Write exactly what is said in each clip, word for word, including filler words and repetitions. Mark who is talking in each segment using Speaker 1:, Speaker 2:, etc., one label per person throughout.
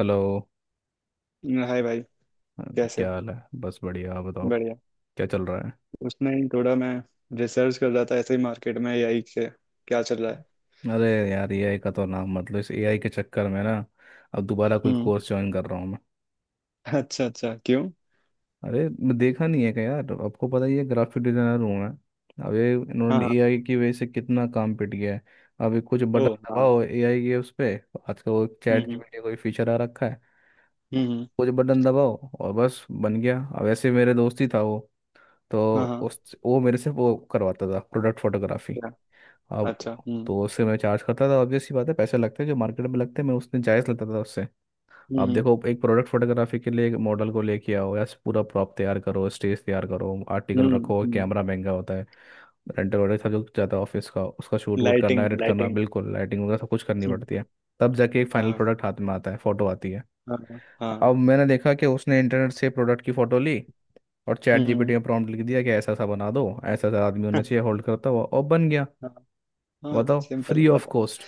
Speaker 1: Hello.
Speaker 2: Hi भाई। कैसे
Speaker 1: क्या
Speaker 2: हो।
Speaker 1: हाल है? बस बढ़िया, आप बताओ।
Speaker 2: बढ़िया।
Speaker 1: क्या चल रहा
Speaker 2: उसमें ही थोड़ा मैं रिसर्च कर रहा था ऐसे ही मार्केट में एआई के क्या चल रहा है।
Speaker 1: है? अरे यार, एआई का तो नाम, मतलब इस एआई के चक्कर में ना अब दोबारा कोई
Speaker 2: हम्म।
Speaker 1: कोर्स ज्वाइन कर रहा हूँ मैं।
Speaker 2: अच्छा अच्छा क्यों।
Speaker 1: अरे मैं देखा नहीं है क्या यार, आपको पता ही है ग्राफिक डिजाइनर हूँ मैं। अब ये
Speaker 2: हाँ
Speaker 1: इन्होंने
Speaker 2: हाँ।
Speaker 1: एआई की वजह से कितना काम पिट गया है। अब ये कुछ
Speaker 2: ओ
Speaker 1: बटन
Speaker 2: हाँ।
Speaker 1: दबाओ एआई के उस पे। आजकल वो
Speaker 2: हम्म
Speaker 1: चैट
Speaker 2: हम्म।
Speaker 1: जीपीटी कोई फीचर आ रखा है,
Speaker 2: हम्म।
Speaker 1: कुछ बटन दबाओ और बस बन गया। अब ऐसे मेरे दोस्त ही था वो, तो
Speaker 2: हाँ हाँ।
Speaker 1: उस वो मेरे से वो करवाता था प्रोडक्ट फोटोग्राफी।
Speaker 2: क्या।
Speaker 1: अब,
Speaker 2: अच्छा हम्म।
Speaker 1: तो उससे मैं चार्ज करता था, ऑब्वियस सी बात है पैसे लगते हैं जो मार्केट में लगते हैं, मैं उसने जायज़ लेता था उससे। अब
Speaker 2: हम्म
Speaker 1: देखो, एक प्रोडक्ट फोटोग्राफी के लिए एक मॉडल को लेके आओ, या पूरा प्रॉप तैयार करो, स्टेज तैयार करो, आर्टिकल
Speaker 2: हम्म
Speaker 1: रखो,
Speaker 2: हम्म।
Speaker 1: कैमरा महंगा होता है, रेंटल वेंटल सब जो जाता है ऑफिस का, उसका शूट वूट करना,
Speaker 2: लाइटिंग
Speaker 1: एडिट करना,
Speaker 2: लाइटिंग।
Speaker 1: बिल्कुल लाइटिंग वगैरह सब कुछ करनी पड़ती है। तब जाके एक फाइनल
Speaker 2: हाँ
Speaker 1: प्रोडक्ट हाथ में आता है, फोटो आती है।
Speaker 2: हाँ।
Speaker 1: अब
Speaker 2: हाँ।
Speaker 1: मैंने देखा कि उसने इंटरनेट से प्रोडक्ट की फ़ोटो ली और चैट
Speaker 2: हम्म।
Speaker 1: जीपीटी में प्रॉम्प्ट लिख दिया कि ऐसा ऐसा बना दो, ऐसा ऐसा आदमी होना चाहिए होल्ड करता हुआ, और बन गया।
Speaker 2: हाँ। हाँ
Speaker 1: बताओ,
Speaker 2: सिंपल।
Speaker 1: Free of cost.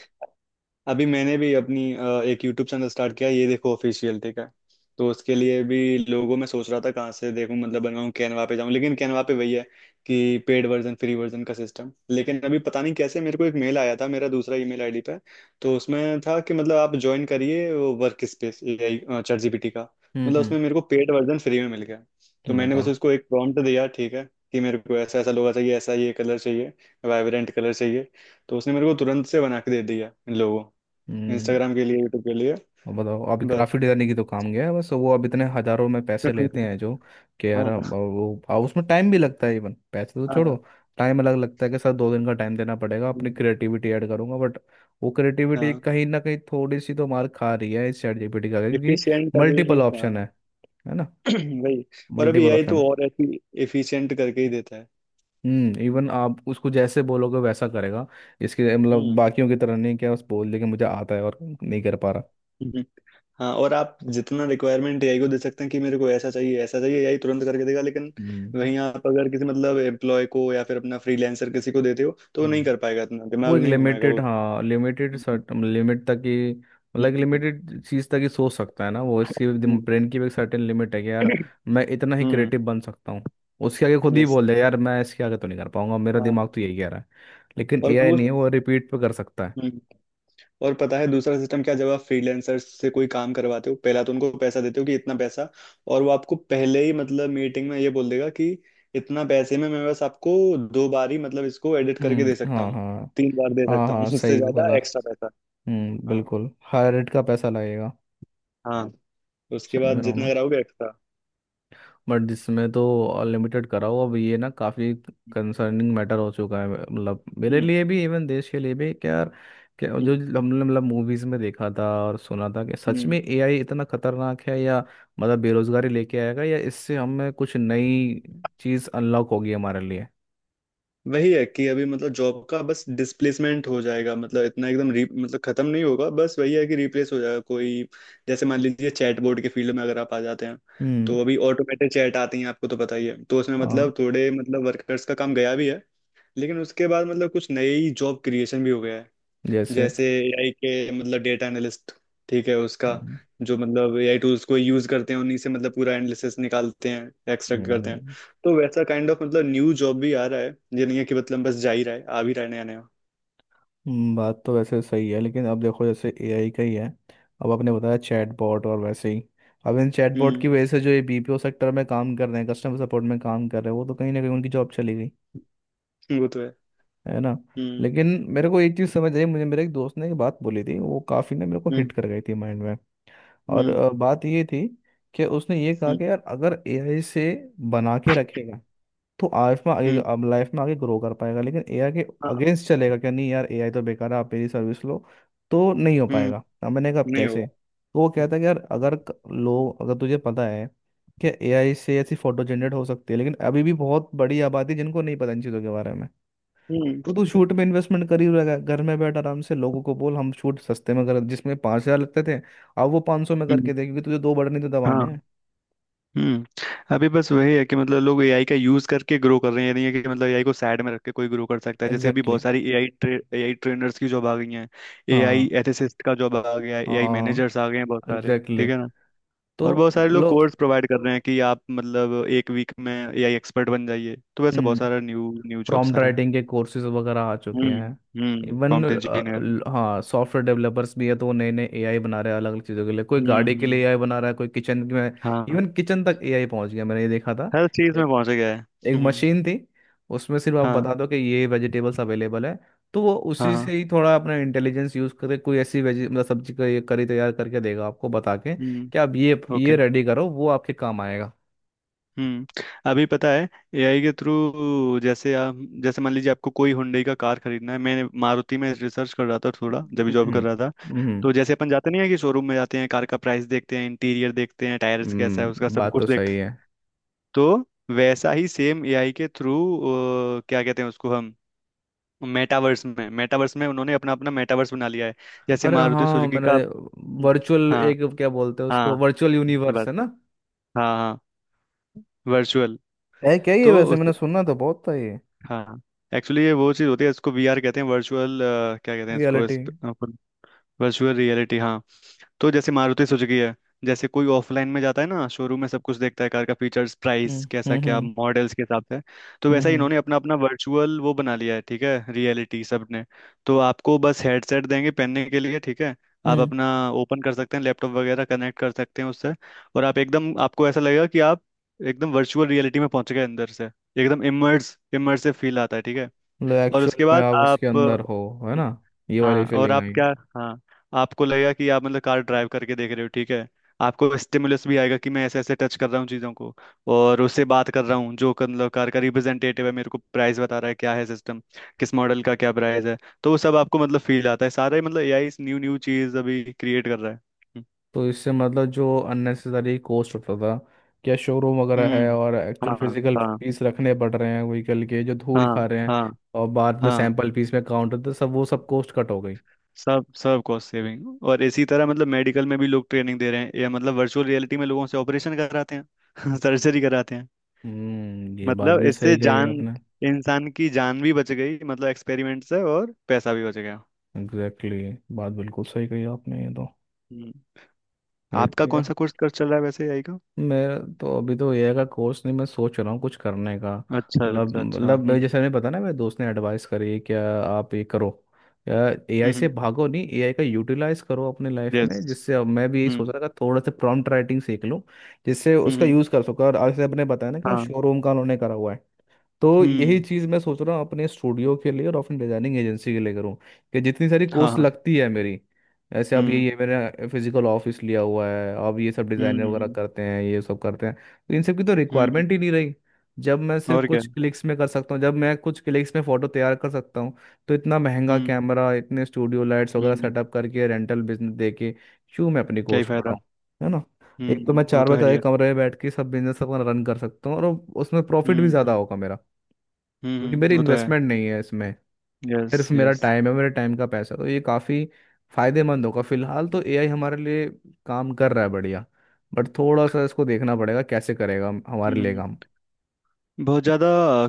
Speaker 2: अभी मैंने भी अपनी अ, एक यूट्यूब चैनल स्टार्ट किया ये देखो ऑफिशियल ठीक है। तो उसके लिए भी लोगों में सोच रहा था कहाँ से देखूं मतलब बनवाऊं कैनवा पे जाऊं लेकिन कैनवा पे वही है कि पेड वर्जन फ्री वर्जन का सिस्टम। लेकिन अभी पता नहीं कैसे मेरे को एक मेल आया था मेरा दूसरा ईमेल आईडी पे। तो उसमें था कि मतलब आप ज्वाइन करिए वो work space AI chat GPT का।
Speaker 1: हम्म।
Speaker 2: मतलब
Speaker 1: हम्म।
Speaker 2: उसमें मेरे को पेड वर्जन फ्री में मिल गया। तो मैंने बस
Speaker 1: बताओ।
Speaker 2: उसको एक प्रॉम्प्ट दिया ठीक है कि मेरे को ऐसा ऐसा लोगो चाहिए ऐसा ये कलर चाहिए वाइब्रेंट कलर चाहिए। तो उसने मेरे को तुरंत से बना के दे दिया इन लोगों
Speaker 1: हम्म।
Speaker 2: इंस्टाग्राम के लिए यूट्यूब के लिए।
Speaker 1: अब बताओ, अब
Speaker 2: बस।
Speaker 1: ग्राफिक डिजाइनिंग की तो काम गया है बस वो, अब इतने हजारों में पैसे लेते हैं जो, कि यार
Speaker 2: हाँ
Speaker 1: अब वो, अब उसमें टाइम भी लगता है, इवन पैसे तो छोड़ो,
Speaker 2: हाँ।
Speaker 1: टाइम अलग लगता है कि सर दो दिन का टाइम देना पड़ेगा, अपनी
Speaker 2: हम्म,
Speaker 1: क्रिएटिविटी ऐड करूंगा, बट वो क्रिएटिविटी
Speaker 2: हाँ
Speaker 1: कहीं ना कहीं थोड़ी सी तो मार खा रही है इस चैट जीपीटी का, क्योंकि
Speaker 2: एफिशिएंट अभी
Speaker 1: मल्टीपल
Speaker 2: हाँ।
Speaker 1: ऑप्शन है है ना?
Speaker 2: वही। और अभी
Speaker 1: मल्टीपल
Speaker 2: एआई
Speaker 1: ऑप्शन
Speaker 2: तो
Speaker 1: है।
Speaker 2: और एफिशिएंट करके ही देता है।
Speaker 1: हम्म, इवन आप उसको जैसे बोलोगे वैसा करेगा इसके, मतलब
Speaker 2: हम्म
Speaker 1: बाकियों की तरह नहीं क्या बस बोल दे कि मुझे आता है और नहीं कर पा रहा।
Speaker 2: हम्म। हाँ और आप जितना रिक्वायरमेंट एआई को दे सकते हैं कि मेरे को ऐसा चाहिए ऐसा चाहिए एआई तुरंत करके देगा। लेकिन वहीं आप अगर किसी मतलब एम्प्लॉय को या फिर अपना फ्रीलांसर किसी को देते हो तो वो नहीं
Speaker 1: हम्म,
Speaker 2: कर पाएगा इतना
Speaker 1: वो
Speaker 2: दिमाग
Speaker 1: एक
Speaker 2: नहीं घुमाएगा
Speaker 1: लिमिटेड,
Speaker 2: वो।
Speaker 1: हाँ लिमिटेड सर्टन लिमिट तक ही, मतलब एक
Speaker 2: हम्म
Speaker 1: लिमिटेड चीज़ तक ही सोच सकता है ना वो, इसकी ब्रेन की भी एक सर्टेन लिमिट है कि यार मैं इतना ही
Speaker 2: हम्म।
Speaker 1: क्रिएटिव बन सकता हूँ, उसके आगे खुद ही
Speaker 2: यस।
Speaker 1: बोल दे यार मैं इसके आगे तो नहीं कर पाऊंगा, मेरा
Speaker 2: हाँ।
Speaker 1: दिमाग तो यही कह रहा है। लेकिन
Speaker 2: और
Speaker 1: एआई
Speaker 2: वो
Speaker 1: नहीं है, वो रिपीट पे कर सकता है।
Speaker 2: हम्म। और पता है दूसरा सिस्टम क्या जब आप फ्रीलैंसर से कोई काम करवाते हो। पहला तो उनको पैसा देते हो कि इतना पैसा। और वो आपको पहले ही मतलब मीटिंग में ये बोल देगा कि इतना पैसे में मैं बस आपको दो बार ही मतलब इसको एडिट करके दे
Speaker 1: हम्म।
Speaker 2: सकता
Speaker 1: हाँ
Speaker 2: हूँ
Speaker 1: हाँ।
Speaker 2: तीन बार दे
Speaker 1: हाँ
Speaker 2: सकता हूँ।
Speaker 1: हाँ,
Speaker 2: उससे
Speaker 1: सही बोला।
Speaker 2: ज्यादा एक्स्ट्रा पैसा।
Speaker 1: हम्म,
Speaker 2: हाँ
Speaker 1: बिल्कुल हायर रेट का पैसा लगेगा।
Speaker 2: हाँ। उसके
Speaker 1: समझ
Speaker 2: बाद
Speaker 1: रहा हूँ
Speaker 2: जितना
Speaker 1: मैं,
Speaker 2: कराओगे एक्स्ट्रा।
Speaker 1: बट इसमें तो अनलिमिटेड कराओ। अब ये ना काफ़ी कंसर्निंग मैटर हो चुका है मतलब मेरे
Speaker 2: हम्म
Speaker 1: लिए भी, इवन देश के लिए भी। क्या यार, क्या जो
Speaker 2: हम्म
Speaker 1: हमने मतलब मूवीज़ में देखा था और सुना था कि सच
Speaker 2: हम्म।
Speaker 1: में एआई इतना खतरनाक है, या मतलब बेरोजगारी लेके आएगा, या इससे हमें कुछ नई चीज़ अनलॉक होगी हमारे लिए?
Speaker 2: वही है कि अभी मतलब जॉब का बस डिस्प्लेसमेंट हो जाएगा मतलब इतना एकदम री मतलब खत्म नहीं होगा बस वही है कि रिप्लेस हो जाएगा कोई। जैसे मान लीजिए चैटबॉट के फील्ड में अगर आप आ जाते हैं तो
Speaker 1: हम्म,
Speaker 2: अभी ऑटोमेटेड चैट आती हैं आपको तो पता ही है तो उसमें
Speaker 1: हाँ,
Speaker 2: मतलब थोड़े मतलब वर्कर्स का काम गया भी है। लेकिन उसके बाद मतलब कुछ नई जॉब क्रिएशन भी हो गया है।
Speaker 1: जैसे।
Speaker 2: जैसे एआई के मतलब डेटा एनालिस्ट ठीक है उसका
Speaker 1: हम्म,
Speaker 2: जो मतलब एआई टूल्स को यूज करते हैं उन्हीं से मतलब पूरा एनालिसिस निकालते हैं एक्सट्रैक्ट करते हैं।
Speaker 1: हम्म।
Speaker 2: तो वैसा काइंड ऑफ मतलब न्यू जॉब भी आ रहा है। ये नहीं है कि मतलब बस जा ही रहा है आ भी रहा है नया नया।
Speaker 1: हम्म, बात तो वैसे सही है, लेकिन अब देखो जैसे एआई का ही है, अब आपने बताया चैटबॉट, और वैसे ही अब इन चैटबॉट
Speaker 2: हम्म।
Speaker 1: की वजह से जो ये बीपीओ सेक्टर में काम कर रहे हैं, कस्टमर सपोर्ट में काम कर रहे हैं, वो तो कहीं ना कहीं उनकी जॉब चली गई,
Speaker 2: वो तो है।
Speaker 1: है ना?
Speaker 2: हम्म
Speaker 1: लेकिन मेरे को एक चीज़ समझ आई, मुझे मेरे एक दोस्त ने एक बात बोली थी, वो काफ़ी ना मेरे को
Speaker 2: हम्म
Speaker 1: हिट कर गई थी माइंड में। और
Speaker 2: हम्म
Speaker 1: अ, बात ये थी कि उसने ये कहा
Speaker 2: हम्म
Speaker 1: कि यार अगर एआई से बना के रखेगा तो आइफ में आगे,
Speaker 2: हम्म,
Speaker 1: अब लाइफ में आगे ग्रो कर पाएगा, लेकिन एआई के
Speaker 2: हाँ।
Speaker 1: अगेंस्ट चलेगा क्या, नहीं यार एआई तो बेकार है आप मेरी सर्विस लो, तो नहीं हो
Speaker 2: हम्म
Speaker 1: पाएगा। अब मैंने कहा अब
Speaker 2: नहीं होगा।
Speaker 1: कैसे, तो वो कहता है कि यार अगर क- लोग अगर तुझे पता है कि एआई से ऐसी फोटो जनरेट हो सकती है, लेकिन अभी भी बहुत बड़ी आबादी है जिनको नहीं पता इन चीज़ों के बारे में,
Speaker 2: हम्म
Speaker 1: तो तू शूट में इन्वेस्टमेंट कर ही रहेगा, घर में बैठ आराम से लोगों को बोल हम शूट सस्ते में कर, जिसमें पाँच हज़ार लगते थे अब वो पाँच सौ में
Speaker 2: हम्म।
Speaker 1: करके दे, क्योंकि तुझे दो बटन ही तो दबाने
Speaker 2: हाँ
Speaker 1: हैं।
Speaker 2: हम्म। अभी बस वही है कि मतलब लोग एआई का यूज करके ग्रो कर रहे हैं ये नहीं है कि मतलब एआई को साइड में रख के कोई ग्रो कर सकता है। जैसे अभी
Speaker 1: एग्जैक्टली
Speaker 2: बहुत
Speaker 1: exactly।
Speaker 2: सारी एआई ट्रे, एआई ट्रेनर्स की जॉब आ गई हैं।
Speaker 1: हाँ
Speaker 2: एआई एथिसिस्ट का जॉब आ गया है एआई
Speaker 1: हाँ।
Speaker 2: मैनेजर्स आ गए हैं बहुत सारे
Speaker 1: एग्जैक्टली
Speaker 2: ठीक है
Speaker 1: exactly।
Speaker 2: ना। और
Speaker 1: तो
Speaker 2: बहुत सारे लोग
Speaker 1: लो,
Speaker 2: कोर्स प्रोवाइड कर रहे हैं कि आप मतलब एक वीक में एआई एक्सपर्ट बन जाइए तो वैसे बहुत
Speaker 1: हम्म,
Speaker 2: सारा न्यू न्यू जॉब
Speaker 1: प्रॉम्प्ट
Speaker 2: सारा है।
Speaker 1: राइटिंग के कोर्सेज वगैरह आ चुके
Speaker 2: हम्म
Speaker 1: हैं।
Speaker 2: हम्म
Speaker 1: इवन
Speaker 2: प्रॉम्प्ट इंजीनियर।
Speaker 1: हाँ, सॉफ्टवेयर डेवलपर्स भी है तो वो नए नए एआई बना रहे हैं, अलग अलग चीज़ों के लिए, कोई
Speaker 2: हम्म
Speaker 1: गाड़ी के लिए
Speaker 2: हम्म।
Speaker 1: एआई बना रहा है, कोई किचन में।
Speaker 2: हाँ।
Speaker 1: इवन किचन तक एआई पहुंच गया, मैंने ये देखा था।
Speaker 2: हर चीज में
Speaker 1: एक,
Speaker 2: पहुंच गया है।
Speaker 1: एक
Speaker 2: हम्म।
Speaker 1: मशीन थी, उसमें सिर्फ आप
Speaker 2: हाँ
Speaker 1: बता दो कि ये वेजिटेबल्स अवेलेबल है, तो वो
Speaker 2: हाँ।
Speaker 1: उसी से
Speaker 2: हाँ,
Speaker 1: ही थोड़ा अपना इंटेलिजेंस यूज करके कोई ऐसी वेजी मतलब सब्जी का ये करी तैयार करके देगा, आपको बता के
Speaker 2: हम्म।
Speaker 1: कि आप ये
Speaker 2: ओके।
Speaker 1: ये रेडी करो, वो आपके काम आएगा।
Speaker 2: हम्म। अभी पता है एआई के थ्रू जैसे आप जैसे मान लीजिए आपको कोई हुंडई का कार खरीदना है मैं मारुति में रिसर्च कर रहा था थोड़ा जब भी
Speaker 1: हम्म
Speaker 2: जॉब कर
Speaker 1: हम्म
Speaker 2: रहा था।
Speaker 1: हम्म।
Speaker 2: तो जैसे अपन जाते नहीं है कि शोरूम में जाते हैं कार का प्राइस देखते हैं इंटीरियर देखते हैं टायर्स कैसा है उसका
Speaker 1: हम्म,
Speaker 2: सब
Speaker 1: बात तो
Speaker 2: कुछ देखते
Speaker 1: सही
Speaker 2: हैं।
Speaker 1: है।
Speaker 2: तो वैसा ही सेम एआई के थ्रू क्या कहते हैं उसको हम मेटावर्स में मेटावर्स में उन्होंने अपना अपना मेटावर्स बना लिया है जैसे
Speaker 1: अरे
Speaker 2: मारुति
Speaker 1: हाँ,
Speaker 2: सुजुकी
Speaker 1: मैंने,
Speaker 2: का।
Speaker 1: वर्चुअल
Speaker 2: हाँ
Speaker 1: एक क्या बोलते हैं
Speaker 2: हाँ।
Speaker 1: उसको, वर्चुअल यूनिवर्स
Speaker 2: बस।
Speaker 1: है ना,
Speaker 2: हाँ हाँ। वर्चुअल।
Speaker 1: है क्या ये?
Speaker 2: तो
Speaker 1: वैसे मैंने सुना तो बहुत था ये।
Speaker 2: हाँ एक्चुअली ये वो चीज़ होती है इसको वीआर कहते हैं वर्चुअल क्या कहते हैं इसको
Speaker 1: रियलिटी।
Speaker 2: इस, वर्चुअल रियलिटी हाँ। तो जैसे मारुति सुजुकी है। जैसे कोई ऑफलाइन में जाता है ना शोरूम में सब कुछ देखता है कार का फीचर्स
Speaker 1: हम्म
Speaker 2: प्राइस कैसा
Speaker 1: हम्म
Speaker 2: क्या
Speaker 1: हम्म
Speaker 2: मॉडल्स के हिसाब से। तो वैसा ही
Speaker 1: हम्म।
Speaker 2: इन्होंने अपना अपना वर्चुअल वो बना लिया है ठीक है रियलिटी सब ने। तो आपको बस हेडसेट देंगे पहनने के लिए ठीक है। आप
Speaker 1: हम्म।
Speaker 2: अपना ओपन कर सकते हैं लैपटॉप वगैरह कनेक्ट कर सकते हैं उससे। और आप एकदम आपको ऐसा लगेगा कि आप एकदम वर्चुअल रियलिटी में पहुंच गए अंदर से। एकदम इमर्स इमर्सिव फील आता है ठीक है।
Speaker 1: मतलब
Speaker 2: और
Speaker 1: एक्चुअल
Speaker 2: उसके
Speaker 1: में
Speaker 2: बाद
Speaker 1: आप उसके
Speaker 2: आप
Speaker 1: अंदर हो, है ना? ये
Speaker 2: हाँ
Speaker 1: वाली
Speaker 2: और
Speaker 1: फीलिंग
Speaker 2: आप
Speaker 1: आई।
Speaker 2: क्या हाँ आपको लगेगा कि आप मतलब कार ड्राइव करके देख रहे हो ठीक है। आपको स्टिमुलस भी आएगा कि मैं ऐसे ऐसे टच कर रहा हूँ चीज़ों को और उससे बात कर रहा हूँ जो कर- मतलब कार का रिप्रेजेंटेटिव है मेरे को प्राइस बता रहा है क्या है सिस्टम किस मॉडल का क्या प्राइस है। तो वो सब आपको मतलब फील आता है सारा ही मतलब एआई इस न्यू न्यू चीज़ अभी क्रिएट कर रहा है।
Speaker 1: तो इससे मतलब जो अननेसेसरी कॉस्ट होता था, क्या शोरूम वगैरह है,
Speaker 2: हम्म।
Speaker 1: और एक्चुअल
Speaker 2: हाँ
Speaker 1: फिजिकल
Speaker 2: हाँ।
Speaker 1: पीस रखने पड़ रहे हैं व्हीकल के जो धूल
Speaker 2: हाँ
Speaker 1: खा रहे हैं,
Speaker 2: हाँ।
Speaker 1: और बाद में
Speaker 2: हाँ
Speaker 1: सैंपल पीस में काउंट होता है, सब वो सब कॉस्ट कट हो गई।
Speaker 2: सब सब कॉस्ट सेविंग। और इसी तरह मतलब मेडिकल में भी लोग ट्रेनिंग दे रहे हैं या मतलब वर्चुअल रियलिटी में लोगों से ऑपरेशन कराते हैं। सर्जरी कराते हैं।
Speaker 1: हम्म, ये बात
Speaker 2: मतलब
Speaker 1: भी
Speaker 2: इससे
Speaker 1: सही कही है
Speaker 2: जान
Speaker 1: आपने।
Speaker 2: इंसान की जान भी बच गई मतलब एक्सपेरिमेंट से और पैसा भी बच गया।
Speaker 1: Exactly exactly। बात बिल्कुल सही कही आपने, ये तो
Speaker 2: हम्म।
Speaker 1: नहीं
Speaker 2: आपका कौन
Speaker 1: किया।
Speaker 2: सा कोर्स कर चल रहा है वैसे आई का।
Speaker 1: मेरा तो अभी तो ये का कोर्स नहीं, मैं सोच रहा हूँ कुछ करने का
Speaker 2: अच्छा
Speaker 1: मतलब,
Speaker 2: अच्छा अच्छा
Speaker 1: मतलब
Speaker 2: हम्म।
Speaker 1: मैं- जैसे मैंने पता ना मेरे दोस्त ने एडवाइस करी क्या आप ये करो, एआई
Speaker 2: yes।
Speaker 1: से
Speaker 2: हम्म।
Speaker 1: भागो नहीं, एआई का यूटिलाइज करो अपने लाइफ में,
Speaker 2: यस।
Speaker 1: जिससे अब मैं भी यही सोच
Speaker 2: हम्म।
Speaker 1: रहा था थोड़ा सा प्रॉम्प्ट राइटिंग सीख लूँ जिससे उसका
Speaker 2: हम्म।
Speaker 1: यूज़ कर सकूँ। और जैसे आपने बताया ना कि वो
Speaker 2: हाँ।
Speaker 1: शोरूम का उन्होंने करा हुआ है, तो यही
Speaker 2: हम्म।
Speaker 1: चीज़ मैं सोच रहा हूँ अपने स्टूडियो के लिए और अपनी डिजाइनिंग एजेंसी के लिए करूँ, कि जितनी सारी
Speaker 2: हाँ
Speaker 1: कोर्स
Speaker 2: हाँ।
Speaker 1: लगती है मेरी, ऐसे अब ये
Speaker 2: हम्म
Speaker 1: ये मेरा फिजिकल ऑफिस लिया हुआ है, अब ये सब डिज़ाइनर वगैरह
Speaker 2: हम्म
Speaker 1: करते हैं ये सब करते हैं, तो इन सब की तो
Speaker 2: हम्म हम्म।
Speaker 1: रिक्वायरमेंट ही नहीं रही जब मैं सिर्फ
Speaker 2: और क्या।
Speaker 1: कुछ क्लिक्स में कर सकता हूँ, जब मैं कुछ क्लिक्स में फ़ोटो तैयार कर सकता हूँ, तो इतना महंगा
Speaker 2: हम्म
Speaker 1: कैमरा, इतने स्टूडियो लाइट्स
Speaker 2: हम्म
Speaker 1: वगैरह
Speaker 2: हम्म।
Speaker 1: सेटअप करके रेंटल बिजनेस दे के क्यों मैं अपनी
Speaker 2: क्या ही
Speaker 1: कॉस्ट
Speaker 2: फायदा।
Speaker 1: बढ़ाऊँ, है ना? एक तो मैं
Speaker 2: हम्म वो
Speaker 1: चार
Speaker 2: तो है
Speaker 1: बजे
Speaker 2: ही है।
Speaker 1: एक कमरे में बैठ के सब बिजनेस अपना रन कर सकता हूँ, और उसमें प्रॉफिट
Speaker 2: हम्म
Speaker 1: भी ज़्यादा
Speaker 2: हम्म।
Speaker 1: होगा मेरा, क्योंकि मेरी
Speaker 2: हम्म, वो तो है।
Speaker 1: इन्वेस्टमेंट नहीं है इसमें,
Speaker 2: यस
Speaker 1: सिर्फ मेरा
Speaker 2: यस।
Speaker 1: टाइम है, मेरे टाइम का पैसा, तो ये काफ़ी फायदेमंद होगा फिलहाल तो,
Speaker 2: हम्म
Speaker 1: एआई हमारे लिए काम कर रहा है, बढ़िया। बट थोड़ा सा इसको देखना पड़ेगा कैसे करेगा हम- हमारे लिए
Speaker 2: हम्म।
Speaker 1: काम।
Speaker 2: बहुत ज़्यादा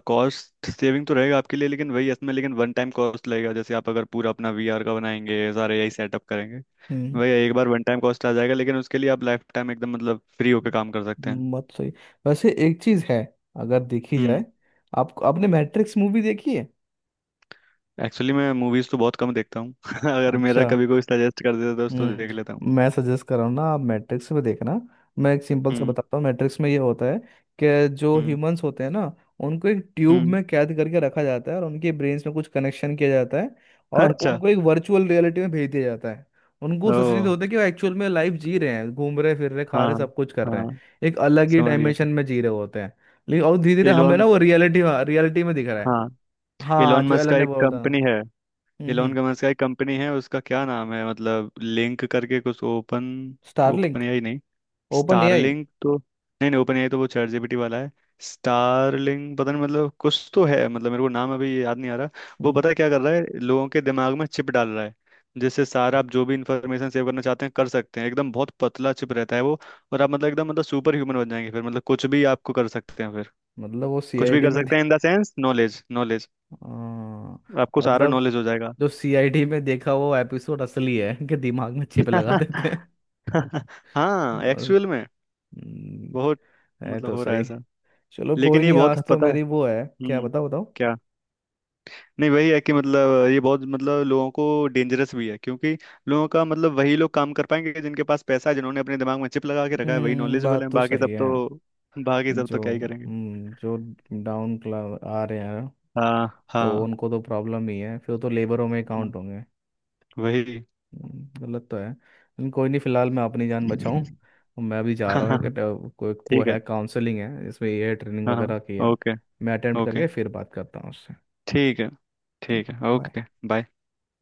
Speaker 2: कॉस्ट सेविंग तो रहेगा आपके लिए लेकिन वही इसमें लेकिन वन टाइम कॉस्ट लगेगा जैसे आप अगर पूरा अपना वीआर का बनाएंगे सारे यही सेटअप करेंगे।
Speaker 1: हम्म,
Speaker 2: वही एक बार वन टाइम कॉस्ट आ जाएगा लेकिन उसके लिए आप लाइफ टाइम एकदम मतलब फ्री होकर काम कर सकते हैं।
Speaker 1: बात सही। वैसे एक चीज है, अगर देखी
Speaker 2: हम्म।
Speaker 1: जाए, आप आपने मैट्रिक्स मूवी देखी है?
Speaker 2: एक्चुअली मैं मूवीज़ तो बहुत कम देखता हूँ। अगर मेरा
Speaker 1: अच्छा।
Speaker 2: कभी कोई सजेस्ट कर देता है तो उसको देख लेता हूँ।
Speaker 1: हम्म, मैं सजेस्ट कर रहा हूँ ना, आप मैट्रिक्स में देखना। मैं एक सिंपल सा
Speaker 2: हम्म
Speaker 1: बताता हूँ, मैट्रिक्स में ये होता है कि जो
Speaker 2: हम्म
Speaker 1: ह्यूमंस होते हैं ना, उनको एक ट्यूब
Speaker 2: हम्म।
Speaker 1: में कैद करके रखा जाता है और उनके ब्रेन्स में कुछ कनेक्शन किया जाता है, और
Speaker 2: अच्छा।
Speaker 1: उनको एक वर्चुअल रियलिटी में भेज दिया जाता है। उनको
Speaker 2: ओ।
Speaker 1: सचेत होता है कि वो एक्चुअल में लाइफ जी रहे हैं, घूम रहे फिर रहे खा
Speaker 2: हाँ।
Speaker 1: रहे सब कुछ कर रहे हैं,
Speaker 2: हाँ।
Speaker 1: एक अलग ही
Speaker 2: समझ गया।
Speaker 1: डायमेंशन में जी रहे होते हैं। लेकिन और धीरे धीरे हमें ना
Speaker 2: एलोन।
Speaker 1: वो रियलिटी, रियलिटी में दिख रहा है।
Speaker 2: हाँ।
Speaker 1: हाँ,
Speaker 2: एलोन
Speaker 1: जो
Speaker 2: मस्क
Speaker 1: एलन
Speaker 2: का
Speaker 1: ने
Speaker 2: एक
Speaker 1: बोला था।
Speaker 2: कंपनी है।
Speaker 1: हम्म
Speaker 2: इलोन
Speaker 1: हम्म।
Speaker 2: गमस का एक कंपनी है उसका क्या नाम है मतलब लिंक करके कुछ ओपन। Open
Speaker 1: Starlink.
Speaker 2: एआई नहीं।
Speaker 1: Open AI.
Speaker 2: स्टारलिंक तो नहीं नहीं ओपन एआई तो वो चैट जीपीटी वाला है। स्टारलिंक पता नहीं मतलब कुछ तो है मतलब मेरे को नाम अभी याद नहीं आ रहा। वो पता है क्या कर रहा है लोगों के दिमाग में चिप डाल रहा है जिससे सारा आप जो भी इंफॉर्मेशन सेव करना चाहते हैं कर सकते हैं एकदम बहुत पतला चिप रहता है वो। और आप मतलब एकदम मतलब सुपर ह्यूमन बन जाएंगे फिर मतलब कुछ भी आपको कर सकते हैं फिर।
Speaker 1: मतलब वो
Speaker 2: कुछ भी
Speaker 1: सीआईडी
Speaker 2: कर
Speaker 1: में दे...
Speaker 2: सकते हैं in the sense knowledge knowledge.
Speaker 1: हाँ,
Speaker 2: आपको सारा
Speaker 1: मतलब
Speaker 2: नॉलेज हो जाएगा।
Speaker 1: जो सीआईडी में देखा वो एपिसोड असली है कि दिमाग में चिप लगा देते हैं?
Speaker 2: हाँ
Speaker 1: बस,
Speaker 2: एक्चुअल में
Speaker 1: हम्म,
Speaker 2: बहुत
Speaker 1: है
Speaker 2: मतलब
Speaker 1: तो
Speaker 2: हो रहा है
Speaker 1: सही।
Speaker 2: ऐसा।
Speaker 1: चलो कोई
Speaker 2: लेकिन ये
Speaker 1: नहीं,
Speaker 2: बहुत
Speaker 1: आज तो
Speaker 2: पता है।
Speaker 1: मेरी वो है, क्या?
Speaker 2: हम्म।
Speaker 1: बताओ बताओ।
Speaker 2: क्या। नहीं वही है कि मतलब ये बहुत मतलब लोगों को डेंजरस भी है क्योंकि लोगों का मतलब वही लोग काम कर पाएंगे जिनके पास पैसा है जिन्होंने अपने दिमाग में चिप लगा के रखा है वही
Speaker 1: हम्म,
Speaker 2: नॉलेजेबल
Speaker 1: बात
Speaker 2: है
Speaker 1: तो
Speaker 2: बाकी
Speaker 1: सही
Speaker 2: सब
Speaker 1: है।
Speaker 2: तो। बाकी सब
Speaker 1: जो
Speaker 2: तो क्या ही करेंगे।
Speaker 1: हम्म, जो डाउन क्लास आ रहे हैं,
Speaker 2: हाँ
Speaker 1: तो
Speaker 2: हाँ।
Speaker 1: उनको तो प्रॉब्लम ही है फिर, तो लेबरों में काउंट
Speaker 2: हम्म,
Speaker 1: होंगे।
Speaker 2: वही।
Speaker 1: हम्म, गलत तो है लेकिन कोई नहीं, फिलहाल मैं अपनी जान बचाऊं। मैं भी जा
Speaker 2: हाँ
Speaker 1: रहा हूँ
Speaker 2: हाँ
Speaker 1: एक, अ, कोई वो
Speaker 2: ठीक है।
Speaker 1: है काउंसलिंग है, इसमें ये ट्रेनिंग
Speaker 2: हाँ
Speaker 1: वगैरह की
Speaker 2: हाँ
Speaker 1: है।
Speaker 2: ओके।
Speaker 1: मैं अटेम्प्ट
Speaker 2: ओके
Speaker 1: करके फिर बात करता हूँ उससे।
Speaker 2: ठीक है।
Speaker 1: हम्म,
Speaker 2: ठीक है
Speaker 1: bye।
Speaker 2: ओके। बाय।